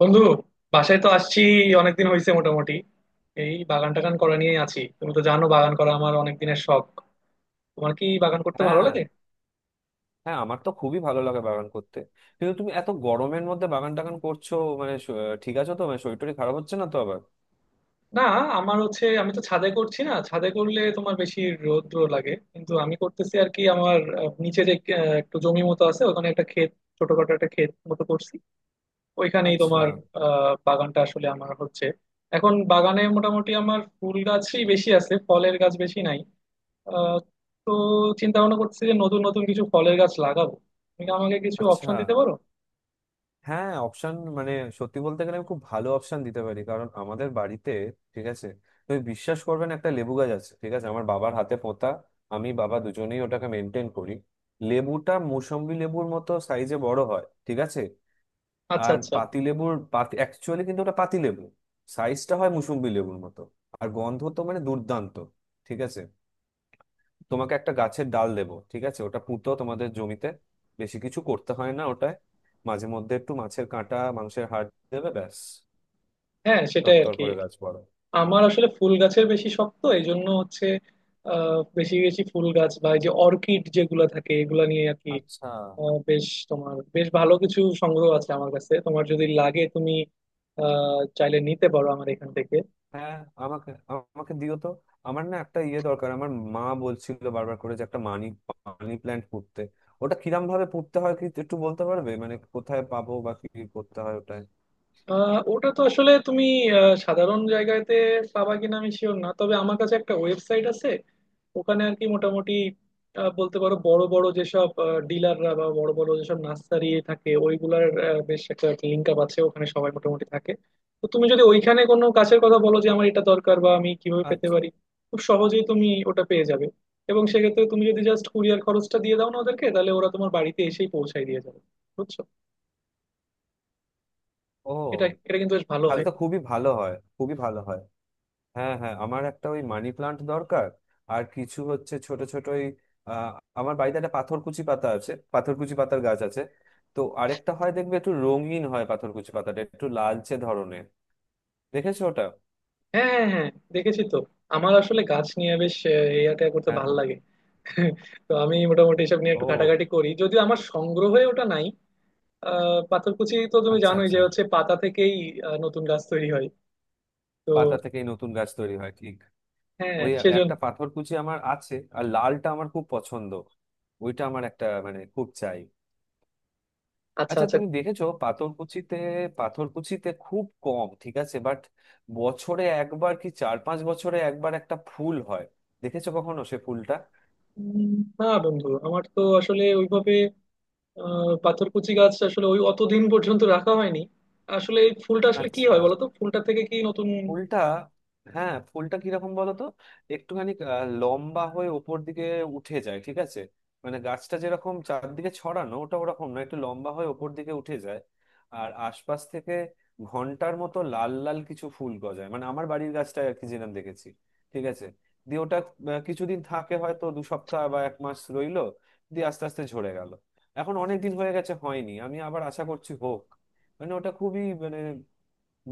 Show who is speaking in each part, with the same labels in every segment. Speaker 1: বন্ধু, বাসায় তো আসছি। অনেকদিন হয়েছে মোটামুটি। এই বাগান টাগান করা নিয়ে আছি। তুমি তো জানো বাগান করা আমার অনেক দিনের শখ। তোমার কি বাগান করতে ভালো
Speaker 2: হ্যাঁ,
Speaker 1: লাগে?
Speaker 2: হ্যাঁ, আমার তো খুবই ভালো লাগে বাগান করতে। কিন্তু তুমি এত গরমের মধ্যে বাগান টাগান করছো? মানে শ- ঠিক আছো তো? মানে শরীর টরীর খারাপ হচ্ছে না তো আবার?
Speaker 1: না, আমার হচ্ছে আমি তো ছাদে করছি না, ছাদে করলে তোমার বেশি রৌদ্র লাগে, কিন্তু আমি করতেছি আর কি। আমার নিচে যে একটু জমি মতো আছে, ওখানে একটা ক্ষেত, ছোটখাটো একটা ক্ষেত মতো করছি ওইখানেই।
Speaker 2: আচ্ছা।
Speaker 1: তোমার বাগানটা আসলে আমার হচ্ছে এখন বাগানে মোটামুটি আমার ফুল গাছই বেশি আছে, ফলের গাছ বেশি নাই। আহ, তো চিন্তা ভাবনা করছি যে নতুন নতুন কিছু ফলের গাছ লাগাবো। তুমি কি আমাকে কিছু
Speaker 2: আচ্ছা।
Speaker 1: অপশন দিতে পারো?
Speaker 2: হ্যাঁ, অপশন মানে সত্যি বলতে গেলে আমি খুব ভালো অপশন দিতে পারি, কারণ আমাদের বাড়িতে ঠিক আছে। তুমি বিশ্বাস করবে না, একটা লেবু গাছ আছে, ঠিক আছে, আমার বাবার হাতে পোঁতা। আমি বাবা দুজনেই ওটাকে মেনটেন করি। লেবুটা মৌসম্বি লেবুর মতো সাইজে বড় হয়, ঠিক আছে।
Speaker 1: আচ্ছা
Speaker 2: আর
Speaker 1: আচ্ছা।
Speaker 2: পাতিলেবুর পাতি অ্যাকচুয়ালি, কিন্তু ওটা পাতিলেবু। সাইজটা হয় মুসুম্বি লেবুর মতো। আর গন্ধ তো মানে দুর্দান্ত। ঠিক আছে। তোমাকে একটা গাছের ডাল দেবো, ঠিক আছে, ওটা পুঁতো তোমাদের জমিতে। বেশি কিছু করতে হয় না ওটায়। মাঝে মধ্যে একটু মাছের কাঁটা, মাংসের হাড় দেবে, ব্যাস।
Speaker 1: হ্যাঁ, সেটাই আর
Speaker 2: তরতর
Speaker 1: কি।
Speaker 2: করে গাছ বড়।
Speaker 1: আমার আসলে ফুল গাছের বেশি শখ, তো এই জন্য হচ্ছে বেশি বেশি ফুল গাছ বা এই যে অর্কিড যেগুলা থাকে এগুলা নিয়ে আর কি।
Speaker 2: আচ্ছা।
Speaker 1: বেশ, তোমার বেশ ভালো কিছু সংগ্রহ আছে আমার কাছে, তোমার যদি লাগে তুমি চাইলে নিতে পারো আমার এখান থেকে।
Speaker 2: হ্যাঁ, আমাকে আমাকে দিও তো। আমার না একটা ইয়ে দরকার, আমার মা বলছিল বারবার করে যে একটা মানি মানি প্ল্যান্ট পুঁততে। ওটা কিরম ভাবে পুঁততে হয় কি একটু বলতে পারবে? মানে কোথায় পাবো বা কি করতে হয় ওটায়?
Speaker 1: ওটা তো আসলে তুমি সাধারণ জায়গাতে পাবা কিনা আমি শিওর না, তবে আমার কাছে একটা ওয়েবসাইট আছে। ওখানে আর কি মোটামুটি বলতে পারো বড় বড় যেসব ডিলাররা বা বড় বড় যেসব নার্সারি থাকে ওইগুলার বেশ একটা লিঙ্ক আপ আছে। ওখানে সবাই মোটামুটি থাকে, তো তুমি যদি ওইখানে কোনো গাছের কথা বলো যে আমার এটা দরকার বা আমি কিভাবে পেতে
Speaker 2: আচ্ছা।
Speaker 1: পারি, খুব সহজেই তুমি ওটা পেয়ে যাবে। এবং সেক্ষেত্রে তুমি যদি জাস্ট কুরিয়ার খরচটা দিয়ে দাও না ওদেরকে, তাহলে ওরা তোমার বাড়িতে এসেই পৌঁছায় দিয়ে যাবে, বুঝছো।
Speaker 2: ও,
Speaker 1: এটা এটা কিন্তু বেশ ভালো
Speaker 2: তাহলে
Speaker 1: হয়।
Speaker 2: তো খুবই ভালো হয়, খুবই ভালো হয়। হ্যাঁ, হ্যাঁ, আমার একটা ওই মানি প্লান্ট দরকার। আর কিছু হচ্ছে ছোট ছোট ওই আহ, আমার বাড়িতে একটা পাথরকুচি পাতা আছে, পাথরকুচি পাতার গাছ আছে। তো আরেকটা হয় দেখবে একটু রঙিন হয়, পাথরকুচি পাতাটা একটু লালচে ধরনের। দেখেছো ওটা?
Speaker 1: হ্যাঁ হ্যাঁ হ্যাঁ, দেখেছি তো। আমার আসলে গাছ নিয়ে বেশ এই আটা করতে
Speaker 2: হ্যাঁ।
Speaker 1: ভালো
Speaker 2: ও।
Speaker 1: লাগে, তো আমি মোটামুটি এসব নিয়ে একটু
Speaker 2: ও,
Speaker 1: ঘাটাঘাটি করি, যদিও আমার সংগ্রহে ওটা নাই। পাথরকুচি তো তুমি
Speaker 2: আচ্ছা,
Speaker 1: জানোই যে
Speaker 2: আচ্ছা।
Speaker 1: হচ্ছে পাতা থেকেই নতুন গাছ তৈরি হয়। তো
Speaker 2: পাতা থেকেই নতুন গাছ তৈরি হয়, ঠিক।
Speaker 1: হ্যাঁ,
Speaker 2: ওই
Speaker 1: সেজন্য।
Speaker 2: একটা পাথরকুচি আমার আছে, আর লালটা আমার খুব পছন্দ। ওইটা আমার একটা মানে খুব চাই।
Speaker 1: আচ্ছা
Speaker 2: আচ্ছা,
Speaker 1: আচ্ছা।
Speaker 2: তুমি দেখেছো পাথরকুচিতে? পাথরকুচিতে খুব কম, ঠিক আছে, বাট বছরে একবার কি 4-5 বছরে একবার একটা ফুল হয়। দেখেছো কখনো সে ফুলটা?
Speaker 1: উম, না বন্ধু, আমার তো আসলে ওইভাবে পাথরকুচি গাছ আসলে ওই অতদিন পর্যন্ত রাখা হয়নি। আসলে এই ফুলটা আসলে কি
Speaker 2: আচ্ছা।
Speaker 1: হয় বলো তো, ফুলটা থেকে কি নতুন?
Speaker 2: ফুলটা? হ্যাঁ, ফুলটা কিরকম বলতো। একটুখানি লম্বা হয়ে ওপর দিকে উঠে যায়, ঠিক আছে। মানে গাছটা যেরকম চারদিকে ছড়ানো, ওটা ওরকম না, একটু লম্বা হয়ে ওপর দিকে উঠে যায়। আর আশপাশ থেকে ঘন্টার মতো লাল লাল কিছু ফুল গজায়, মানে আমার বাড়ির গাছটা আর কি যেরকম দেখেছি, ঠিক আছে। দিয়ে ওটা কিছুদিন থাকে, হয়তো 2 সপ্তাহ বা এক মাস রইলো। দিয়ে আস্তে আস্তে ঝরে গেল। এখন অনেক দিন হয়ে গেছে হয়নি, আমি আবার আশা করছি হোক। মানে ওটা খুবই মানে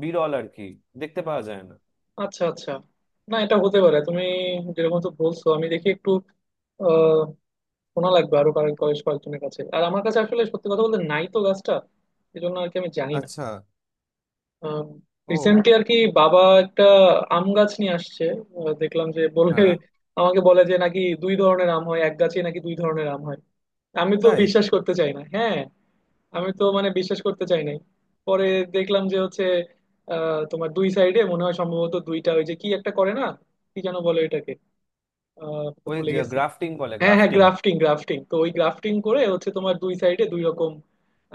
Speaker 2: বিরল আর কি, দেখতে পাওয়া যায় না।
Speaker 1: আচ্ছা আচ্ছা। না, এটা হতে পারে, তুমি যেরকম তো বলছো। আমি দেখি একটু, শোনা লাগবে আরো কারো, কয়েকজনের কাছে। আর আমার কাছে আসলে সত্যি কথা বলতে নাই তো গাছটা, এই জন্য আর কি, আমি জানি না।
Speaker 2: আচ্ছা। ও।
Speaker 1: রিসেন্টলি আর কি বাবা একটা আম গাছ নিয়ে আসছে। দেখলাম যে বলে,
Speaker 2: হ্যাঁ।
Speaker 1: আমাকে বলে যে নাকি দুই ধরনের আম হয় এক গাছে, নাকি দুই ধরনের আম হয়। আমি তো
Speaker 2: তাই?
Speaker 1: বিশ্বাস করতে চাই না, হ্যাঁ। আমি তো মানে বিশ্বাস করতে চাই নাই। পরে দেখলাম যে হচ্ছে তোমার দুই সাইডে মনে হয় সম্ভবত দুইটা ওই যে কি একটা করে না, কি যেন বলে এটাকে, আহ
Speaker 2: ওই
Speaker 1: ভুলে
Speaker 2: যে
Speaker 1: গেছি।
Speaker 2: গ্রাফটিং বলে,
Speaker 1: হ্যাঁ হ্যাঁ,
Speaker 2: গ্রাফটিং।
Speaker 1: গ্রাফটিং, গ্রাফটিং, তো ওই গ্রাফটিং করে হচ্ছে তোমার দুই সাইডে দুই রকম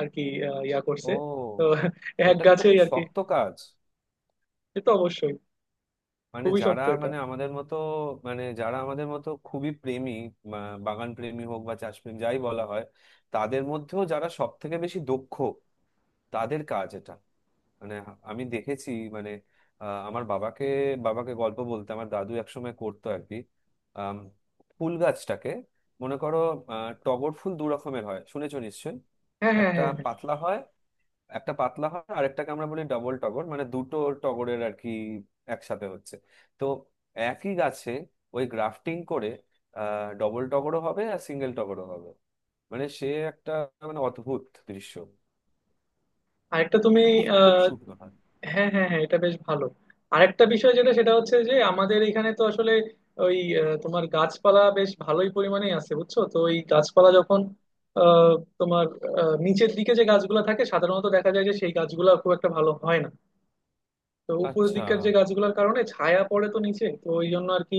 Speaker 1: আর কি, ইয়া করছে। তো
Speaker 2: ও,
Speaker 1: এক
Speaker 2: ওটা কিন্তু
Speaker 1: গাছেই
Speaker 2: খুব
Speaker 1: আর কি।
Speaker 2: শক্ত কাজ।
Speaker 1: সে তো অবশ্যই,
Speaker 2: মানে
Speaker 1: খুবই
Speaker 2: যারা
Speaker 1: শক্ত এটা।
Speaker 2: মানে আমাদের মতো, মানে যারা আমাদের মতো খুবই প্রেমী, বাগান প্রেমী হোক বা চাষ প্রেমী যাই বলা হয়, তাদের মধ্যেও যারা সব থেকে বেশি দক্ষ, তাদের কাজ এটা। মানে আমি দেখেছি, মানে আমার বাবাকে বাবাকে গল্প বলতে আমার দাদু একসময় করতো আর কি। আম, ফুল গাছটাকে মনে করো, টগর ফুল দু রকমের হয় শুনেছো নিশ্চয়ই।
Speaker 1: হ্যাঁ হ্যাঁ
Speaker 2: একটা
Speaker 1: হ্যাঁ হ্যাঁ।
Speaker 2: পাতলা হয় একটা পাতলা হয় আর একটাকে আমরা বলি ডবল টগর, মানে দুটো টগরের আর কি একসাথে হচ্ছে। তো একই গাছে ওই গ্রাফটিং করে ডবল টগরও হবে আর সিঙ্গেল টগরও হবে। মানে সে একটা মানে অদ্ভুত দৃশ্য,
Speaker 1: আরেকটা তুমি,
Speaker 2: খুব খুব
Speaker 1: আহ
Speaker 2: সুন্দর হয়।
Speaker 1: হ্যাঁ হ্যাঁ হ্যাঁ, এটা বেশ ভালো। আরেকটা বিষয় যেটা, সেটা হচ্ছে যে আমাদের এখানে তো আসলে ওই তোমার গাছপালা বেশ ভালোই পরিমাণেই আছে, বুঝছো তো, ওই গাছপালা যখন আহ তোমার নিচের দিকে যে গাছগুলো থাকে সাধারণত দেখা যায় যে সেই গাছগুলো খুব একটা ভালো হয় না। তো উপরের
Speaker 2: আচ্ছা।
Speaker 1: দিককার যে গাছগুলোর কারণে ছায়া পড়ে তো নিচে, তো ওই জন্য আর কি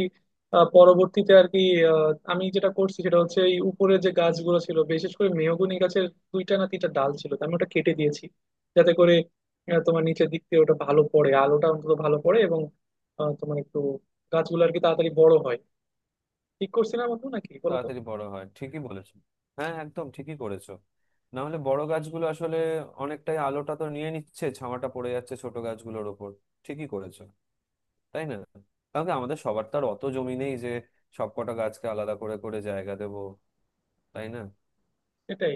Speaker 1: পরবর্তীতে আর কি আহ, আমি যেটা করছি সেটা হচ্ছে এই উপরে যে গাছগুলো ছিল বিশেষ করে মেহগনি গাছের দুইটা না তিনটা ডাল ছিল, তো আমি ওটা কেটে দিয়েছি, যাতে করে তোমার নিচের দিক দিয়ে ওটা ভালো পড়ে, আলোটা অন্তত ভালো পড়ে, এবং তোমার একটু গাছগুলো আর কি তাড়াতাড়ি বড় হয়। ঠিক করছি না বন্ধু নাকি, বলো তো।
Speaker 2: তাড়াতাড়ি বড় হয়, ঠিকই বলেছো। হ্যাঁ, একদম ঠিকই করেছো। না হলে বড় গাছগুলো আসলে অনেকটাই আলোটা তো নিয়ে নিচ্ছে, ছাওয়াটা পড়ে যাচ্ছে ছোট গাছগুলোর ওপর। ঠিকই করেছো, তাই না? কারণ কি আমাদের সবার তো আর অত জমি নেই যে সব কটা গাছকে আলাদা করে করে জায়গা দেব, তাই না?
Speaker 1: এটাই।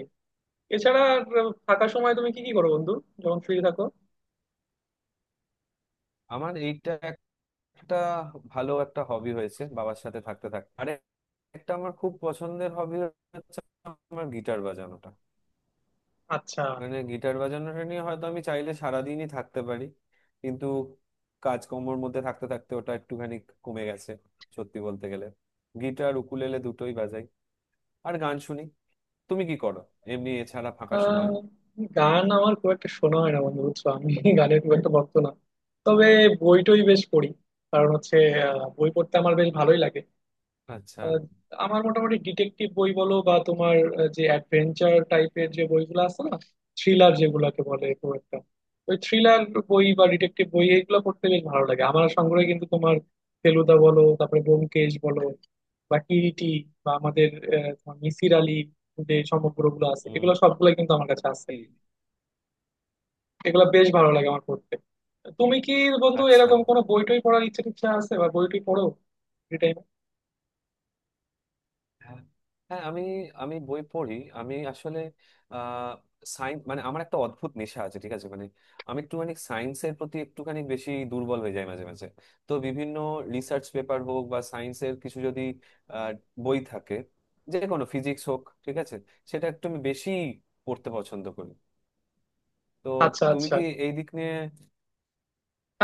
Speaker 1: এছাড়া আর ফাঁকা সময় তুমি কি কি করো বন্ধু, যখন ফ্রি থাকো?
Speaker 2: আমার এইটা একটা ভালো একটা হবি হয়েছে বাবার সাথে থাকতে থাকতে, আরে একটা আমার খুব পছন্দের হবি হচ্ছে আমার গিটার বাজানো।
Speaker 1: আচ্ছা।
Speaker 2: মানে গিটার বাজানোটা নিয়ে হয়তো আমি চাইলে সারাদিনই থাকতে পারি, কিন্তু কাজকর্মর মধ্যে থাকতে থাকতে ওটা একটুখানি কমে গেছে, সত্যি বলতে গেলে। গিটার উকুলেলে দুটোই বাজাই আর গান শুনি। তুমি কি করো এমনি এছাড়া ফাঁকা
Speaker 1: আহ,
Speaker 2: সময়?
Speaker 1: গান আমার খুব একটা শোনা হয় না বন্ধু, বুঝছো, আমি গানের খুব একটা ভক্ত না। তবে বইটই বেশ পড়ি, কারণ হচ্ছে বই পড়তে আমার বেশ ভালোই লাগে।
Speaker 2: আচ্ছা।
Speaker 1: আহ, আমার মোটামুটি ডিটেকটিভ বই বলো বা তোমার যে অ্যাডভেঞ্চার টাইপের যে বইগুলো আছে না, থ্রিলার যেগুলোকে বলে, খুব একটা ওই থ্রিলার বই বা ডিটেকটিভ বই এইগুলো পড়তে বেশ ভালো লাগে। আমার সংগ্রহে কিন্তু তোমার ফেলুদা বলো, তারপরে ব্যোমকেশ বলো, বা কিরিটি, বা আমাদের তোমার মিসির আলী, যে সমগ্রগুলো আছে
Speaker 2: হুম।
Speaker 1: এগুলো সবগুলো কিন্তু আমার কাছে আছে।
Speaker 2: কি?
Speaker 1: এগুলো বেশ ভালো লাগে আমার পড়তে। তুমি কি বন্ধু
Speaker 2: আচ্ছা।
Speaker 1: এরকম কোনো বই টই পড়ার ইচ্ছা টিচ্ছা আছে, বা বই টই পড়ো ফ্রি টাইমে?
Speaker 2: হ্যাঁ। হ্যাঁ, আমি আমি বই পড়ি। আমি আসলে আহ সায়েন্স মানে আমার একটা অদ্ভুত নেশা আছে, ঠিক আছে, মানে আমি একটুখানি সায়েন্সের প্রতি একটুখানি বেশি দুর্বল হয়ে যাই মাঝে মাঝে। তো বিভিন্ন রিসার্চ পেপার হোক বা সায়েন্সের কিছু যদি আহ, বই থাকে, যে কোনো ফিজিক্স হোক, ঠিক আছে, সেটা একটু আমি বেশি পড়তে পছন্দ করি। তো
Speaker 1: আচ্ছা
Speaker 2: তুমি
Speaker 1: আচ্ছা।
Speaker 2: কি এই দিক নিয়ে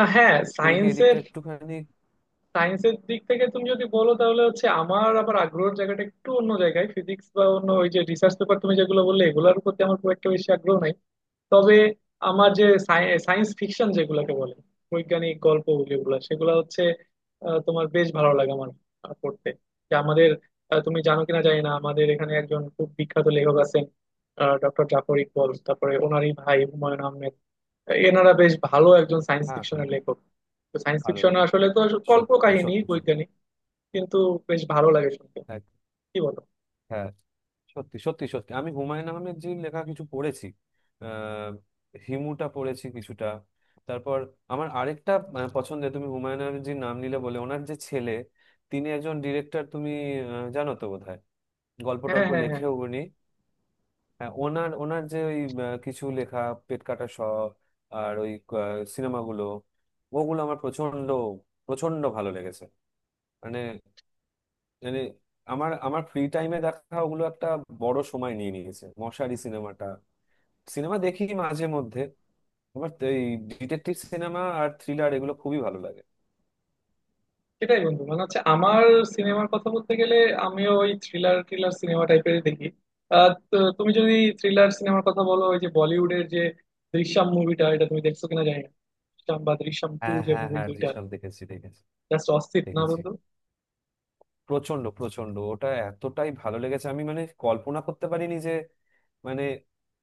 Speaker 1: হ্যাঁ,
Speaker 2: তুমি কি এই দিকটা
Speaker 1: সায়েন্সের,
Speaker 2: একটুখানি?
Speaker 1: সায়েন্সের দিক থেকে তুমি যদি বলো, তাহলে হচ্ছে আমার আবার আগ্রহের জায়গাটা একটু অন্য জায়গায়। ফিজিক্স বা অন্য ওই যে রিসার্চ পেপার তুমি যেগুলো বললে, এগুলোর প্রতি আমার খুব একটা বেশি আগ্রহ নাই। তবে আমার যে সায়েন্স ফিকশন যেগুলোকে বলে, বৈজ্ঞানিক গল্প যেগুলো, সেগুলো হচ্ছে তোমার বেশ ভালো লাগে আমার পড়তে। যে আমাদের তুমি জানো কিনা জানি না, আমাদের এখানে একজন খুব বিখ্যাত লেখক আছেন, ডক্টর জাফর ইকবল, তারপরে ওনারই ভাই হুমায়ুন আহমেদ। এনারা বেশ ভালো একজন সায়েন্স
Speaker 2: হ্যাঁ।
Speaker 1: ফিকশনের লেখক। তো সায়েন্স
Speaker 2: ভালো।
Speaker 1: ফিকশন আসলে তো কল্প
Speaker 2: সত্যি
Speaker 1: কাহিনী,
Speaker 2: সত্যি সত্যি।
Speaker 1: বৈজ্ঞানিক, কিন্তু বেশ ভালো লাগে শুনতে, কি বলো।
Speaker 2: হ্যাঁ, সত্যি সত্যি সত্যি আমি হুমায়ুন আহমেদ জির লেখা কিছু পড়েছি। আহ, হিমুটা পড়েছি কিছুটা। তারপর আমার আরেকটা পছন্দের, তুমি হুমায়ুন আহমেদ জির নাম নিলে বলে, ওনার যে ছেলে তিনি একজন ডিরেক্টর, তুমি জানো তো বোধহয়, গল্প
Speaker 1: হ্যাঁ
Speaker 2: টল্প
Speaker 1: হ্যাঁ হ্যাঁ।
Speaker 2: লেখেও উনি। হ্যাঁ, ওনার ওনার যে ওই কিছু লেখা, পেট কাটা স, আর ওই সিনেমাগুলো, ওগুলো আমার প্রচন্ড প্রচন্ড ভালো লেগেছে। মানে মানে আমার আমার ফ্রি টাইমে দেখা ওগুলো একটা বড় সময় নিয়ে নিয়েছে, মশারি সিনেমাটা। সিনেমা দেখি মাঝে মধ্যে। আমার তো এই ডিটেকটিভ সিনেমা আর থ্রিলার, এগুলো খুবই ভালো লাগে।
Speaker 1: সেটাই বন্ধু, মানে হচ্ছে আমার সিনেমার কথা বলতে গেলে আমিও ওই থ্রিলার থ্রিলার সিনেমা টাইপের দেখি। তো তুমি যদি থ্রিলার সিনেমার কথা বলো, ওই যে বলিউডের যে দৃশ্যম মুভিটা, এটা তুমি দেখছো কিনা জানি না, দৃশ্যম বা দৃশ্যম টু,
Speaker 2: হ্যাঁ,
Speaker 1: যে
Speaker 2: হ্যাঁ,
Speaker 1: মুভি
Speaker 2: হ্যাঁ,
Speaker 1: দুইটা,
Speaker 2: দৃশ্যম দেখেছি, দেখেছি,
Speaker 1: জাস্ট অস্থির না
Speaker 2: দেখেছি।
Speaker 1: বন্ধু?
Speaker 2: প্রচন্ড প্রচন্ড ওটা, এতটাই ভালো লেগেছে, আমি মানে কল্পনা করতে পারিনি যে মানে,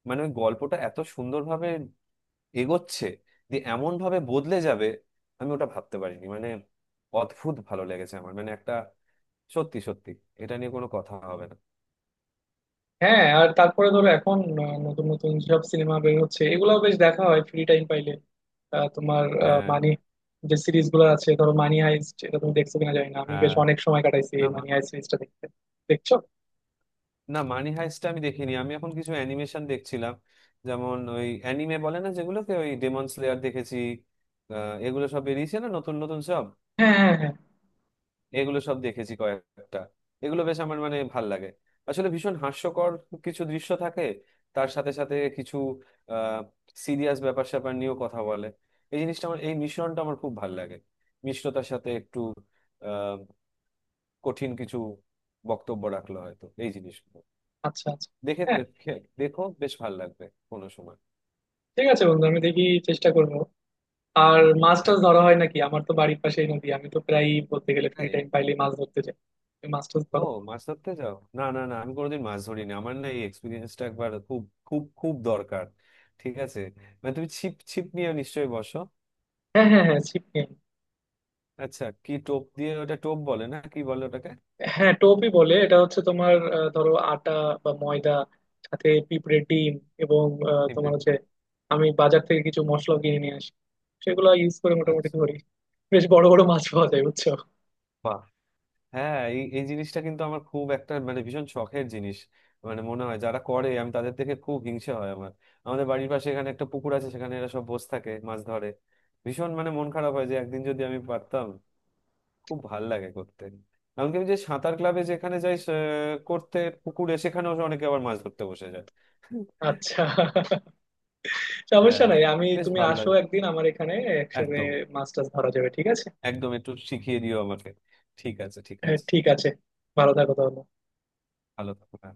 Speaker 2: মানে ওই গল্পটা এত সুন্দরভাবে এগোচ্ছে, যে এমন ভাবে বদলে যাবে আমি ওটা ভাবতে পারিনি। মানে অদ্ভুত ভালো লেগেছে আমার, মানে একটা সত্যি সত্যি, এটা নিয়ে কোনো কথা হবে না।
Speaker 1: হ্যাঁ, আর তারপরে ধরো এখন নতুন নতুন সব সিনেমা বের হচ্ছে, এগুলাও বেশ দেখা হয় ফ্রি টাইম পাইলে। তোমার আহ,
Speaker 2: হ্যাঁ।
Speaker 1: মানি যে সিরিজ গুলো আছে, ধরো মানি হাইস্ট, এটা তুমি দেখছো কিনা জানি না, আমি বেশ
Speaker 2: হ্যাঁ।
Speaker 1: অনেক সময় কাটাইছি
Speaker 2: না
Speaker 1: এই
Speaker 2: মা-
Speaker 1: মানি হাইস্ট সিরিজটা দেখতে। দেখছো?
Speaker 2: না, মানি হাইস্টটা আমি দেখিনি, আমি এখন কিছু অ্যানিমেশন দেখছিলাম। যেমন ওই অ্যানিমে বলে না যেগুলোকে, ওই ডেমন স্লেয়ার দেখেছি। আহ, এগুলো সব বেরিয়েছে না নতুন নতুন সব,
Speaker 1: হ্যাঁ হ্যাঁ হ্যাঁ।
Speaker 2: এগুলো সব দেখেছি কয়েকটা। এগুলো বেশ আমার মানে ভাল লাগে। আসলে ভীষণ হাস্যকর কিছু দৃশ্য থাকে, তার সাথে সাথে কিছু আহ সিরিয়াস ব্যাপার স্যাপার নিয়েও কথা বলে। এই জিনিসটা আমার, এই মিশ্রণটা আমার খুব ভাল লাগে, মিশ্রতার সাথে একটু কঠিন কিছু বক্তব্য রাখলো হয়তো এই জিনিসগুলো
Speaker 1: আচ্ছা আচ্ছা।
Speaker 2: দেখে।
Speaker 1: হ্যাঁ,
Speaker 2: খে- দেখো বেশ ভালো লাগবে কোনো সময়।
Speaker 1: ঠিক আছে বন্ধু, আমি দেখি চেষ্টা করব। আর মাছ
Speaker 2: হ্যাঁ।
Speaker 1: টাছ ধরা হয় নাকি? আমার তো বাড়ির পাশেই নদী, আমি তো প্রায় বলতে গেলে ফ্রি
Speaker 2: তাই?
Speaker 1: টাইম পাইলে মাছ ধরতে যাই। তুমি মাছ টাছ
Speaker 2: ও,
Speaker 1: ধরো?
Speaker 2: মাছ ধরতে যাও? না, না, না, আমি কোনোদিন মাছ ধরিনি। আমার না এই এক্সপিরিয়েন্সটা একবার খুব খুব খুব দরকার, ঠিক আছে। মানে তুমি ছিপ ছিপ নিয়ে নিশ্চয়ই বসো।
Speaker 1: হ্যাঁ হ্যাঁ হ্যাঁ, ছিপ নিয়ে আনো।
Speaker 2: আচ্ছা, কি টোপ দিয়ে, ওটা টোপ বলে না কি বলে ওটাকে?
Speaker 1: হ্যাঁ, টোপই বলে এটা। হচ্ছে তোমার ধরো আটা বা ময়দা, সাথে পিঁপড়ের ডিম, এবং
Speaker 2: টিপে-
Speaker 1: তোমার হচ্ছে আমি বাজার থেকে কিছু মশলা কিনে নিয়ে আসি, সেগুলো ইউজ করে মোটামুটি
Speaker 2: আচ্ছা।
Speaker 1: ধরি। বেশ বড় বড় মাছ পাওয়া যায়, বুঝছো।
Speaker 2: বাহ, হ্যাঁ, এই এই জিনিসটা কিন্তু আমার খুব একটা মানে ভীষণ শখের জিনিস। মানে মনে হয় যারা করে আমি তাদের থেকে খুব হিংসা হয় আমার। আমাদের বাড়ির পাশে এখানে একটা পুকুর আছে, সেখানে এরা সব বসে থাকে মাছ ধরে। ভীষণ মানে মন খারাপ হয় যে একদিন যদি আমি পারতাম, খুব ভাল লাগে করতে। এমনকি আমি যে সাঁতার ক্লাবে যেখানে যাই করতে পুকুরে সেখানেও অনেকে আবার মাছ ধরতে বসে যায়।
Speaker 1: আচ্ছা, সমস্যা
Speaker 2: হ্যাঁ,
Speaker 1: নাই, আমি
Speaker 2: বেশ
Speaker 1: তুমি
Speaker 2: ভালো
Speaker 1: আসো
Speaker 2: লাগে।
Speaker 1: একদিন আমার এখানে, একসাথে
Speaker 2: একদম,
Speaker 1: মাছ টাছ ধরা যাবে, ঠিক আছে।
Speaker 2: একদম, একটু শিখিয়ে দিও আমাকে। ঠিক আছে, ঠিক
Speaker 1: হ্যাঁ,
Speaker 2: আছে।
Speaker 1: ঠিক আছে, ভালো থাকো তাহলে।
Speaker 2: ভালো থাকো হ্যাঁ।